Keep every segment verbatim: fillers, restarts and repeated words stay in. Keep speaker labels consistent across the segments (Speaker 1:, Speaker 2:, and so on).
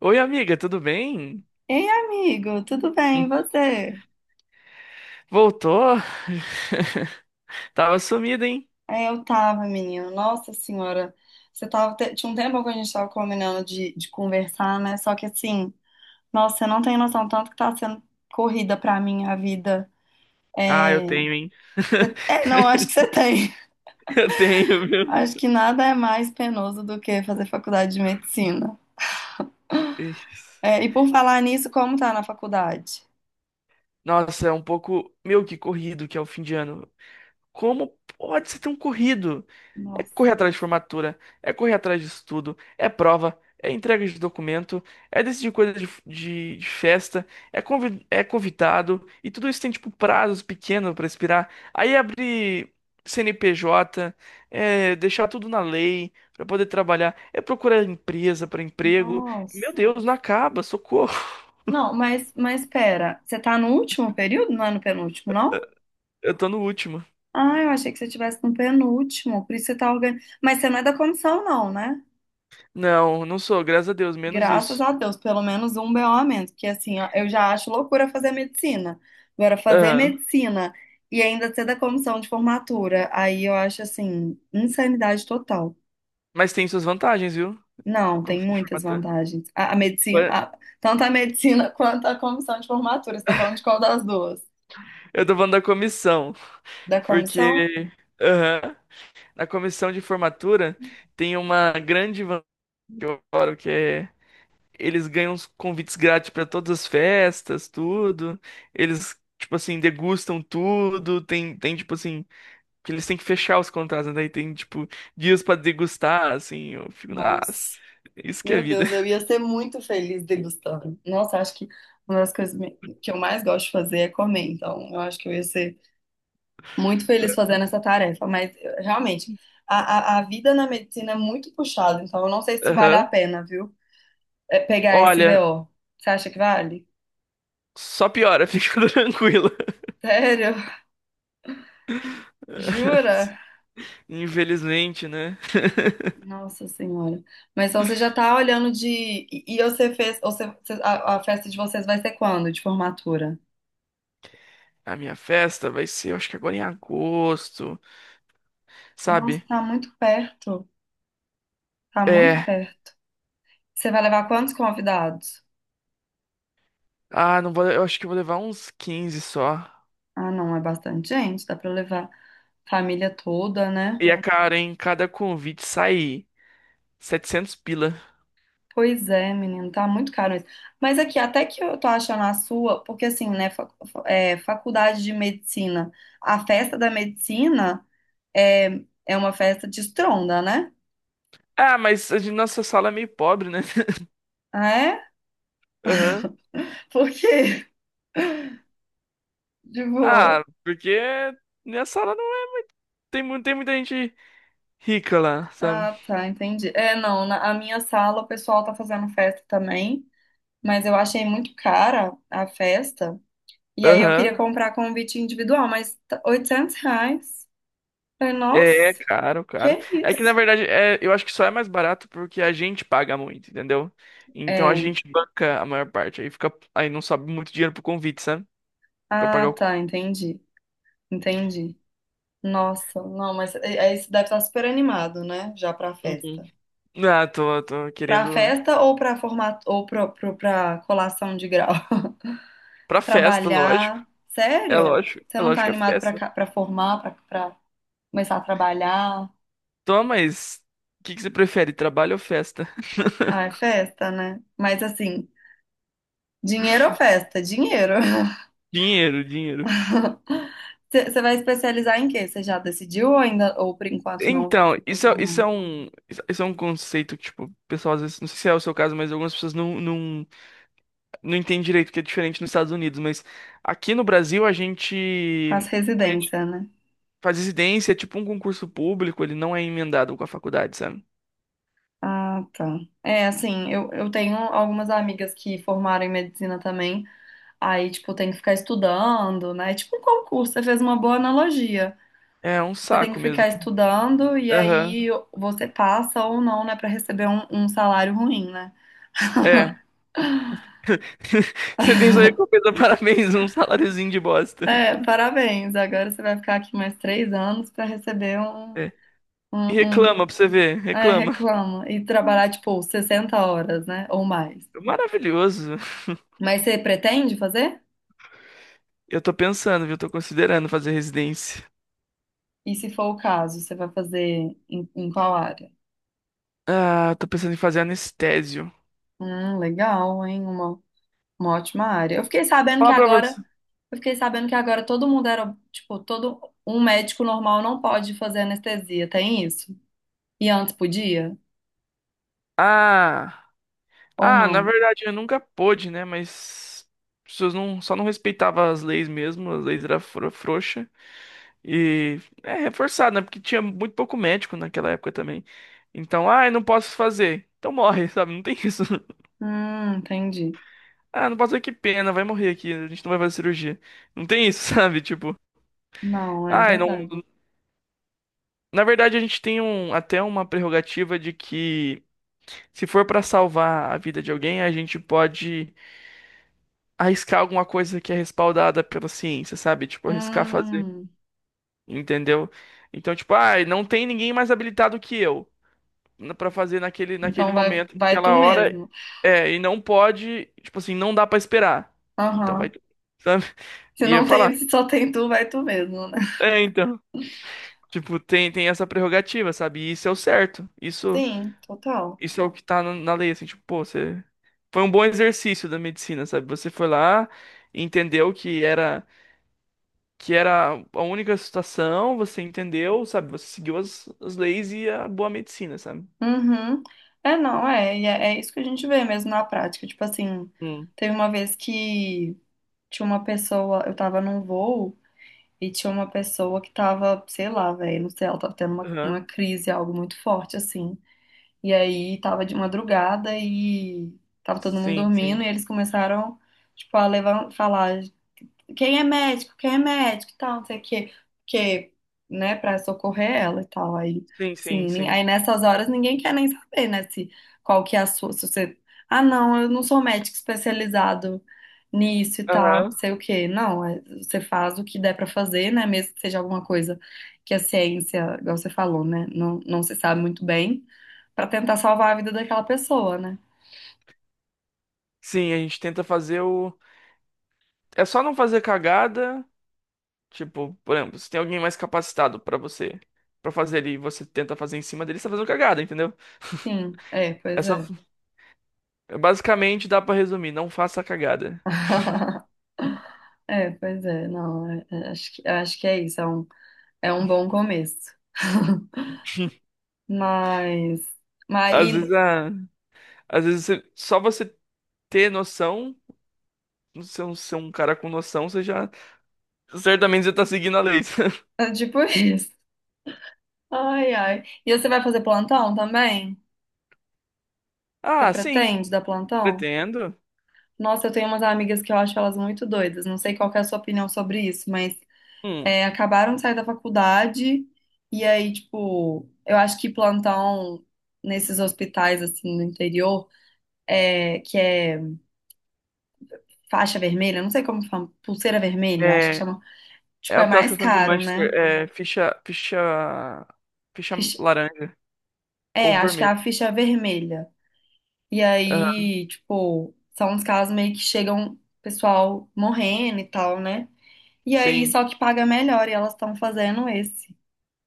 Speaker 1: Oi, amiga, tudo bem?
Speaker 2: Ei, amigo, tudo bem? E você?
Speaker 1: Voltou? Tava sumida, hein?
Speaker 2: É, eu tava, menino. Nossa senhora, você tava. te- tinha um tempo que a gente tava combinando de, de conversar, né? Só que assim, nossa, você não tem noção tanto que tá sendo corrida pra mim a vida.
Speaker 1: Ah, eu
Speaker 2: É,
Speaker 1: tenho, hein?
Speaker 2: é, não, acho que você tem.
Speaker 1: Eu tenho, viu?
Speaker 2: Acho que nada é mais penoso do que fazer faculdade de medicina.
Speaker 1: Ixi.
Speaker 2: É, e por falar nisso, como tá na faculdade?
Speaker 1: Nossa, é um pouco, meu, que corrido que é o fim de ano. Como pode você ter um corrido? É
Speaker 2: Nossa,
Speaker 1: correr atrás de formatura, é correr atrás de estudo, é prova, é entrega de documento, é decidir coisa de, de- de festa, é, convi- é convidado, e tudo isso tem, tipo, prazos pequenos para expirar. Aí abrir C N P J, é deixar tudo na lei para poder trabalhar, é procurar empresa para emprego. Meu
Speaker 2: nossa.
Speaker 1: Deus, não acaba, socorro.
Speaker 2: Não, mas, mas pera, você tá no último período? Não é no penúltimo, não?
Speaker 1: Eu tô no último.
Speaker 2: Ah, eu achei que você estivesse no penúltimo, por isso você tá organizando. Mas você não é da comissão, não, né?
Speaker 1: Não, não sou, graças a Deus, menos
Speaker 2: Graças
Speaker 1: isso.
Speaker 2: a Deus, pelo menos um B O a menos, porque assim, ó, eu já acho loucura fazer medicina. Agora, fazer
Speaker 1: Aham.
Speaker 2: medicina e ainda ser da comissão de formatura, aí eu acho assim, insanidade total.
Speaker 1: Mas tem suas vantagens, viu?
Speaker 2: Não, tem
Speaker 1: Comissão de
Speaker 2: muitas
Speaker 1: formatura.
Speaker 2: vantagens. A, a
Speaker 1: Ué,
Speaker 2: medicina, a- tanto a medicina quanto a comissão de formatura. Você tá falando de qual das duas?
Speaker 1: eu tô falando da comissão,
Speaker 2: Da comissão?
Speaker 1: porque aham, na comissão de formatura tem uma grande vantagem que eu adoro, que é eles ganham os convites grátis pra todas as festas, tudo. Eles, tipo assim, degustam tudo. Tem, tem tipo assim, que eles têm que fechar os contratos, né? Daí tem, tipo, dias pra degustar, assim. Eu fico,
Speaker 2: Nossa.
Speaker 1: nossa, isso que é
Speaker 2: Meu
Speaker 1: vida.
Speaker 2: Deus, eu ia ser muito feliz degustando. Nossa, acho que uma das coisas me- que eu mais gosto de fazer é comer, então eu acho que eu ia ser muito feliz fazendo essa tarefa, mas eu- realmente, a, a, a vida na medicina é muito puxada, então eu não sei se vale a
Speaker 1: Aham.
Speaker 2: pena, viu? É pegar esse
Speaker 1: Olha,
Speaker 2: B O. Você acha que vale?
Speaker 1: só piora, fica tranquila.
Speaker 2: Sério? Jura?
Speaker 1: Infelizmente, né?
Speaker 2: Nossa Senhora. Mas então você já tá olhando de. E, e você fez. Você, você- a, a festa de vocês vai ser quando? De formatura?
Speaker 1: A minha festa vai ser, eu acho que agora em agosto,
Speaker 2: Nossa,
Speaker 1: sabe?
Speaker 2: tá muito perto. Tá muito
Speaker 1: É.
Speaker 2: perto. Você vai levar quantos convidados?
Speaker 1: Ah, não vou, eu acho que eu vou levar uns quinze só.
Speaker 2: Ah, não, é bastante gente, dá pra levar família toda, né?
Speaker 1: E a Não. Cara, em cada convite sai setecentos pila.
Speaker 2: Pois é, menino, tá muito caro isso. Mas aqui, até que eu tô achando a sua, porque assim, né, fa- fa- é, faculdade de medicina, a festa da medicina é, é uma festa de estronda, né?
Speaker 1: Ah, mas a gente- nossa sala é meio pobre, né?
Speaker 2: Ah, é?
Speaker 1: Aham.
Speaker 2: Por quê? Tipo,
Speaker 1: Ah, porque minha sala não é. Tem, mu- tem muita gente rica lá, sabe?
Speaker 2: ah, tá, entendi. É, não, na a minha sala o pessoal tá fazendo festa também, mas eu achei muito cara a festa. E aí eu queria
Speaker 1: Aham.
Speaker 2: comprar convite individual, mas tá- oitocentos reais. Falei,
Speaker 1: É é
Speaker 2: nossa,
Speaker 1: caro, caro.
Speaker 2: que
Speaker 1: É que na
Speaker 2: isso?
Speaker 1: verdade é, eu acho que só é mais barato porque a gente paga muito, entendeu? Então a
Speaker 2: É.
Speaker 1: gente banca a maior parte. Aí fica, aí não sobe muito dinheiro pro convite, sabe? Pra
Speaker 2: Ah,
Speaker 1: pagar o. Co-
Speaker 2: tá, entendi. Entendi. Nossa, não, mas é- é isso deve estar super animado, né? Já pra
Speaker 1: Uhum.
Speaker 2: festa.
Speaker 1: Ah, tô, tô
Speaker 2: Pra
Speaker 1: querendo
Speaker 2: festa ou pra formato ou pro, pro, pra colação de grau?
Speaker 1: pra festa, lógico.
Speaker 2: Trabalhar.
Speaker 1: É
Speaker 2: Sério?
Speaker 1: lógico,
Speaker 2: Você
Speaker 1: é
Speaker 2: não tá
Speaker 1: lógico que é
Speaker 2: animado pra,
Speaker 1: festa.
Speaker 2: ca- pra formar, pra, pra começar a trabalhar?
Speaker 1: Toma, mas o que que você prefere, trabalho ou festa?
Speaker 2: Ah, é festa, né? Mas assim, dinheiro ou festa? Dinheiro.
Speaker 1: Dinheiro, dinheiro.
Speaker 2: Você vai especializar em quê? Você já decidiu ou ainda, ou por enquanto não,
Speaker 1: Então, isso é, isso
Speaker 2: não
Speaker 1: é um, isso é um conceito que, tipo, o pessoal às vezes, não sei se é o seu caso, mas algumas pessoas não, não não entendo direito porque é diferente nos Estados Unidos, mas aqui no Brasil a
Speaker 2: faz
Speaker 1: gente, a gente
Speaker 2: residência, né?
Speaker 1: faz residência, é tipo um concurso público, ele não é emendado com a faculdade, sabe?
Speaker 2: Ah, tá. É, assim, eu, eu tenho algumas amigas que formaram em medicina também, aí, tipo, tem que ficar estudando, né? É Tipo um concurso, você fez uma boa analogia.
Speaker 1: É um
Speaker 2: Você tem que
Speaker 1: saco mesmo.
Speaker 2: ficar estudando e
Speaker 1: Aham.
Speaker 2: aí você passa ou não, né, pra receber um, um salário ruim, né?
Speaker 1: É. Você tem sua recompensa, parabéns, um saláriozinho de bosta.
Speaker 2: É, parabéns. Agora você vai ficar aqui mais três anos pra receber um,
Speaker 1: É. E
Speaker 2: um, um
Speaker 1: reclama pra você ver,
Speaker 2: É,
Speaker 1: reclama.
Speaker 2: reclama. E trabalhar, tipo, sessenta horas, né? Ou mais.
Speaker 1: Maravilhoso.
Speaker 2: Mas você pretende fazer?
Speaker 1: Eu tô pensando, viu? Tô considerando fazer residência.
Speaker 2: E se for o caso, você vai fazer em, em qual área?
Speaker 1: Ah, tô pensando em fazer anestésio.
Speaker 2: Hum, legal, hein? Uma, uma ótima área. Eu fiquei sabendo que
Speaker 1: Falar pra
Speaker 2: agora.
Speaker 1: você.
Speaker 2: Eu fiquei sabendo que agora todo mundo era. Tipo, todo. Um médico normal não pode fazer anestesia, tem isso? E antes podia?
Speaker 1: Ah.
Speaker 2: Ou
Speaker 1: Ah, na
Speaker 2: não?
Speaker 1: verdade eu nunca pude, né? Mas as pessoas não, só não respeitavam as leis mesmo, as leis eram fro- frouxa e é reforçado, né? Porque tinha muito pouco médico naquela época também. Então, ah, eu não posso fazer. Então morre, sabe? Não tem isso.
Speaker 2: Hum, entendi.
Speaker 1: Ah, não posso fazer, que pena, vai morrer aqui, a gente não vai fazer cirurgia. Não tem isso, sabe? Tipo,
Speaker 2: Não, é
Speaker 1: ah, não.
Speaker 2: verdade.
Speaker 1: Na verdade a gente tem um, até uma prerrogativa de que se for pra salvar a vida de alguém, a gente pode arriscar alguma coisa que é respaldada pela ciência, sabe? Tipo, arriscar fazer,
Speaker 2: Hum,
Speaker 1: entendeu? Então, tipo, ah, não tem ninguém mais habilitado que eu na- Pra fazer naquele, naquele
Speaker 2: então vai,
Speaker 1: momento,
Speaker 2: vai tu
Speaker 1: naquela hora,
Speaker 2: mesmo.
Speaker 1: é, e não pode, tipo assim, não dá pra esperar. Então vai,
Speaker 2: Aham.
Speaker 1: tu, sabe?
Speaker 2: Se
Speaker 1: E eu
Speaker 2: não
Speaker 1: falar,
Speaker 2: tem, se só tem tu, vai tu mesmo, né?
Speaker 1: é, então, tipo, tem, tem essa prerrogativa, sabe? E isso é o certo. Isso,
Speaker 2: Sim, total.
Speaker 1: isso é o que tá na, na lei, assim, tipo, pô, você foi um bom exercício da medicina, sabe? Você foi lá, entendeu que era que era a única situação, você entendeu, sabe? Você seguiu as, as leis e a boa medicina, sabe?
Speaker 2: Uhum. É, não, é, e é, é isso que a gente vê mesmo na prática. Tipo assim,
Speaker 1: Hum.
Speaker 2: teve uma vez que tinha uma pessoa, eu tava num voo e tinha uma pessoa que tava, sei lá, velho, não sei, ela tava tendo uma, uma
Speaker 1: Aham.
Speaker 2: crise, algo muito forte, assim. E aí tava de madrugada e tava todo mundo
Speaker 1: Sim,
Speaker 2: dormindo
Speaker 1: sim.
Speaker 2: e eles começaram, tipo, a levar, falar. Quem é médico, quem é médico, e tal, não sei o quê, porque, né, pra socorrer ela e tal, aí,
Speaker 1: Sim, sim,
Speaker 2: sim, nin-
Speaker 1: sim.
Speaker 2: aí nessas horas ninguém quer nem saber, né, se, qual que é a sua, se você, ah, não, eu não sou médico especializado nisso e tal,
Speaker 1: Aham.
Speaker 2: sei o quê, não, é- você faz o que der pra fazer, né, mesmo que seja alguma coisa que a ciência, igual você falou, né, não, não se sabe muito bem, pra tentar salvar a vida daquela pessoa, né,
Speaker 1: Sim, a gente tenta fazer o. É só não fazer cagada. Tipo, por exemplo, se tem alguém mais capacitado pra você pra fazer ali, e você tenta fazer em cima dele, você tá fazendo cagada, entendeu?
Speaker 2: sim, é,
Speaker 1: É
Speaker 2: pois
Speaker 1: só...
Speaker 2: é.
Speaker 1: É basicamente dá pra resumir, não faça cagada.
Speaker 2: É, pois é, não, é- é, acho que, acho que é isso, é um, é um bom começo. Mas, mas
Speaker 1: Às vezes,
Speaker 2: e,
Speaker 1: a... Às vezes você- só você ter noção, ser um, ser um cara com noção, você já certamente você tá seguindo a lei.
Speaker 2: é tipo isso. Ai, ai. E você vai fazer plantão também? Você
Speaker 1: Ah, sim,
Speaker 2: pretende dar plantão?
Speaker 1: pretendo.
Speaker 2: Nossa, eu tenho umas amigas que eu acho elas muito doidas. Não sei qual que é a sua opinião sobre isso, mas
Speaker 1: Hum.
Speaker 2: é, acabaram de sair da faculdade e aí, tipo, eu acho que plantão nesses hospitais assim no interior, é, que é faixa vermelha, não sei como fala, pulseira vermelha, acho que
Speaker 1: É,
Speaker 2: chama.
Speaker 1: é
Speaker 2: Tipo, é
Speaker 1: aquelas
Speaker 2: mais
Speaker 1: questões de
Speaker 2: caro,
Speaker 1: Manchester.
Speaker 2: né?
Speaker 1: É, ficha, ficha, ficha
Speaker 2: Ficha-
Speaker 1: laranja ou
Speaker 2: É, acho que é
Speaker 1: vermelha.
Speaker 2: a ficha vermelha. E
Speaker 1: Aham,
Speaker 2: aí, tipo, são os casos meio que chegam pessoal morrendo e tal, né? E aí,
Speaker 1: sim.
Speaker 2: só que paga melhor e elas estão fazendo esse.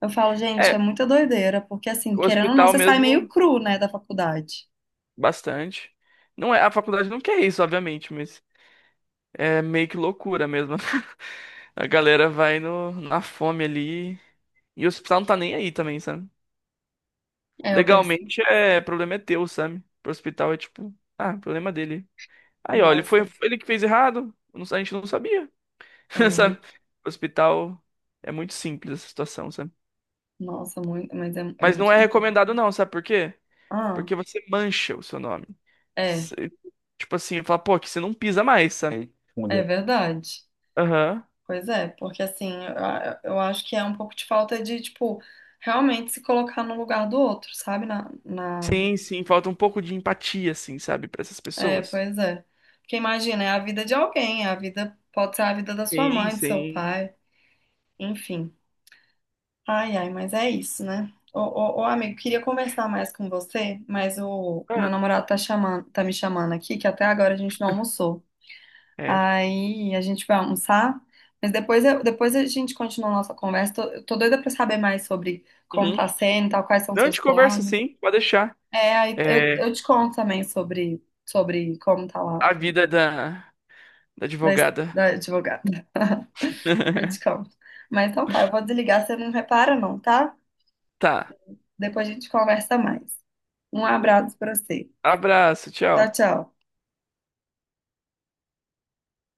Speaker 2: Eu falo, gente, é
Speaker 1: É,
Speaker 2: muita doideira, porque assim,
Speaker 1: o
Speaker 2: querendo ou não,
Speaker 1: hospital
Speaker 2: você sai meio
Speaker 1: mesmo,
Speaker 2: cru, né, da faculdade.
Speaker 1: bastante. Não é, a faculdade não quer isso, obviamente, mas é meio que loucura mesmo. A galera vai no, na fome ali. E o hospital não tá nem aí também, sabe?
Speaker 2: É, eu percebo.
Speaker 1: Legalmente, é, problema é teu, sabe? Pro hospital é tipo, ah, problema dele. Aí, ó, ele
Speaker 2: Nossa,
Speaker 1: foi foi ele que fez errado, não- a gente não sabia,
Speaker 2: é
Speaker 1: sabe?
Speaker 2: muito.
Speaker 1: Hospital é muito simples essa situação, sabe?
Speaker 2: Nossa, muito. Mas é, é
Speaker 1: Mas não é
Speaker 2: muito.
Speaker 1: recomendado não, sabe por quê?
Speaker 2: Ah,
Speaker 1: Porque você mancha o seu nome.
Speaker 2: é,
Speaker 1: Você- tipo assim, fala, pô, que você não pisa mais, sabe?
Speaker 2: é verdade.
Speaker 1: Aham.
Speaker 2: Pois é, porque assim, eu, eu acho que é um pouco de falta de, tipo, realmente se colocar no lugar do outro, sabe? Na, na...
Speaker 1: Sim, sim, falta um pouco de empatia, assim, sabe, pra essas
Speaker 2: É,
Speaker 1: pessoas.
Speaker 2: pois é. Porque imagina, é a vida de alguém, é a vida, pode ser a vida da sua
Speaker 1: Sim,
Speaker 2: mãe, do seu
Speaker 1: sim.
Speaker 2: pai, enfim. Ai, ai, mas é isso, né? Ô, ô, ô, amigo, queria conversar mais com você, mas o
Speaker 1: Ah,
Speaker 2: meu namorado tá chamando, tá me chamando aqui, que até agora a gente não almoçou.
Speaker 1: é.
Speaker 2: Aí a gente vai almoçar, mas depois, eu- depois a gente continua a nossa conversa. Tô, tô doida pra saber mais sobre como
Speaker 1: Uhum.
Speaker 2: tá sendo, e tal, quais são
Speaker 1: Não, a
Speaker 2: seus
Speaker 1: gente conversa
Speaker 2: planos.
Speaker 1: sim, pode deixar.
Speaker 2: É, aí eu,
Speaker 1: É
Speaker 2: eu te conto também sobre, sobre como tá lá
Speaker 1: a
Speaker 2: com-
Speaker 1: vida da, da
Speaker 2: da,
Speaker 1: advogada.
Speaker 2: da advogada. Eu te conto. Mas então tá, eu vou desligar, você não repara não, tá?
Speaker 1: Tá.
Speaker 2: Depois a gente conversa mais. Um abraço pra você.
Speaker 1: Abraço,
Speaker 2: Tchau,
Speaker 1: tchau.
Speaker 2: tchau.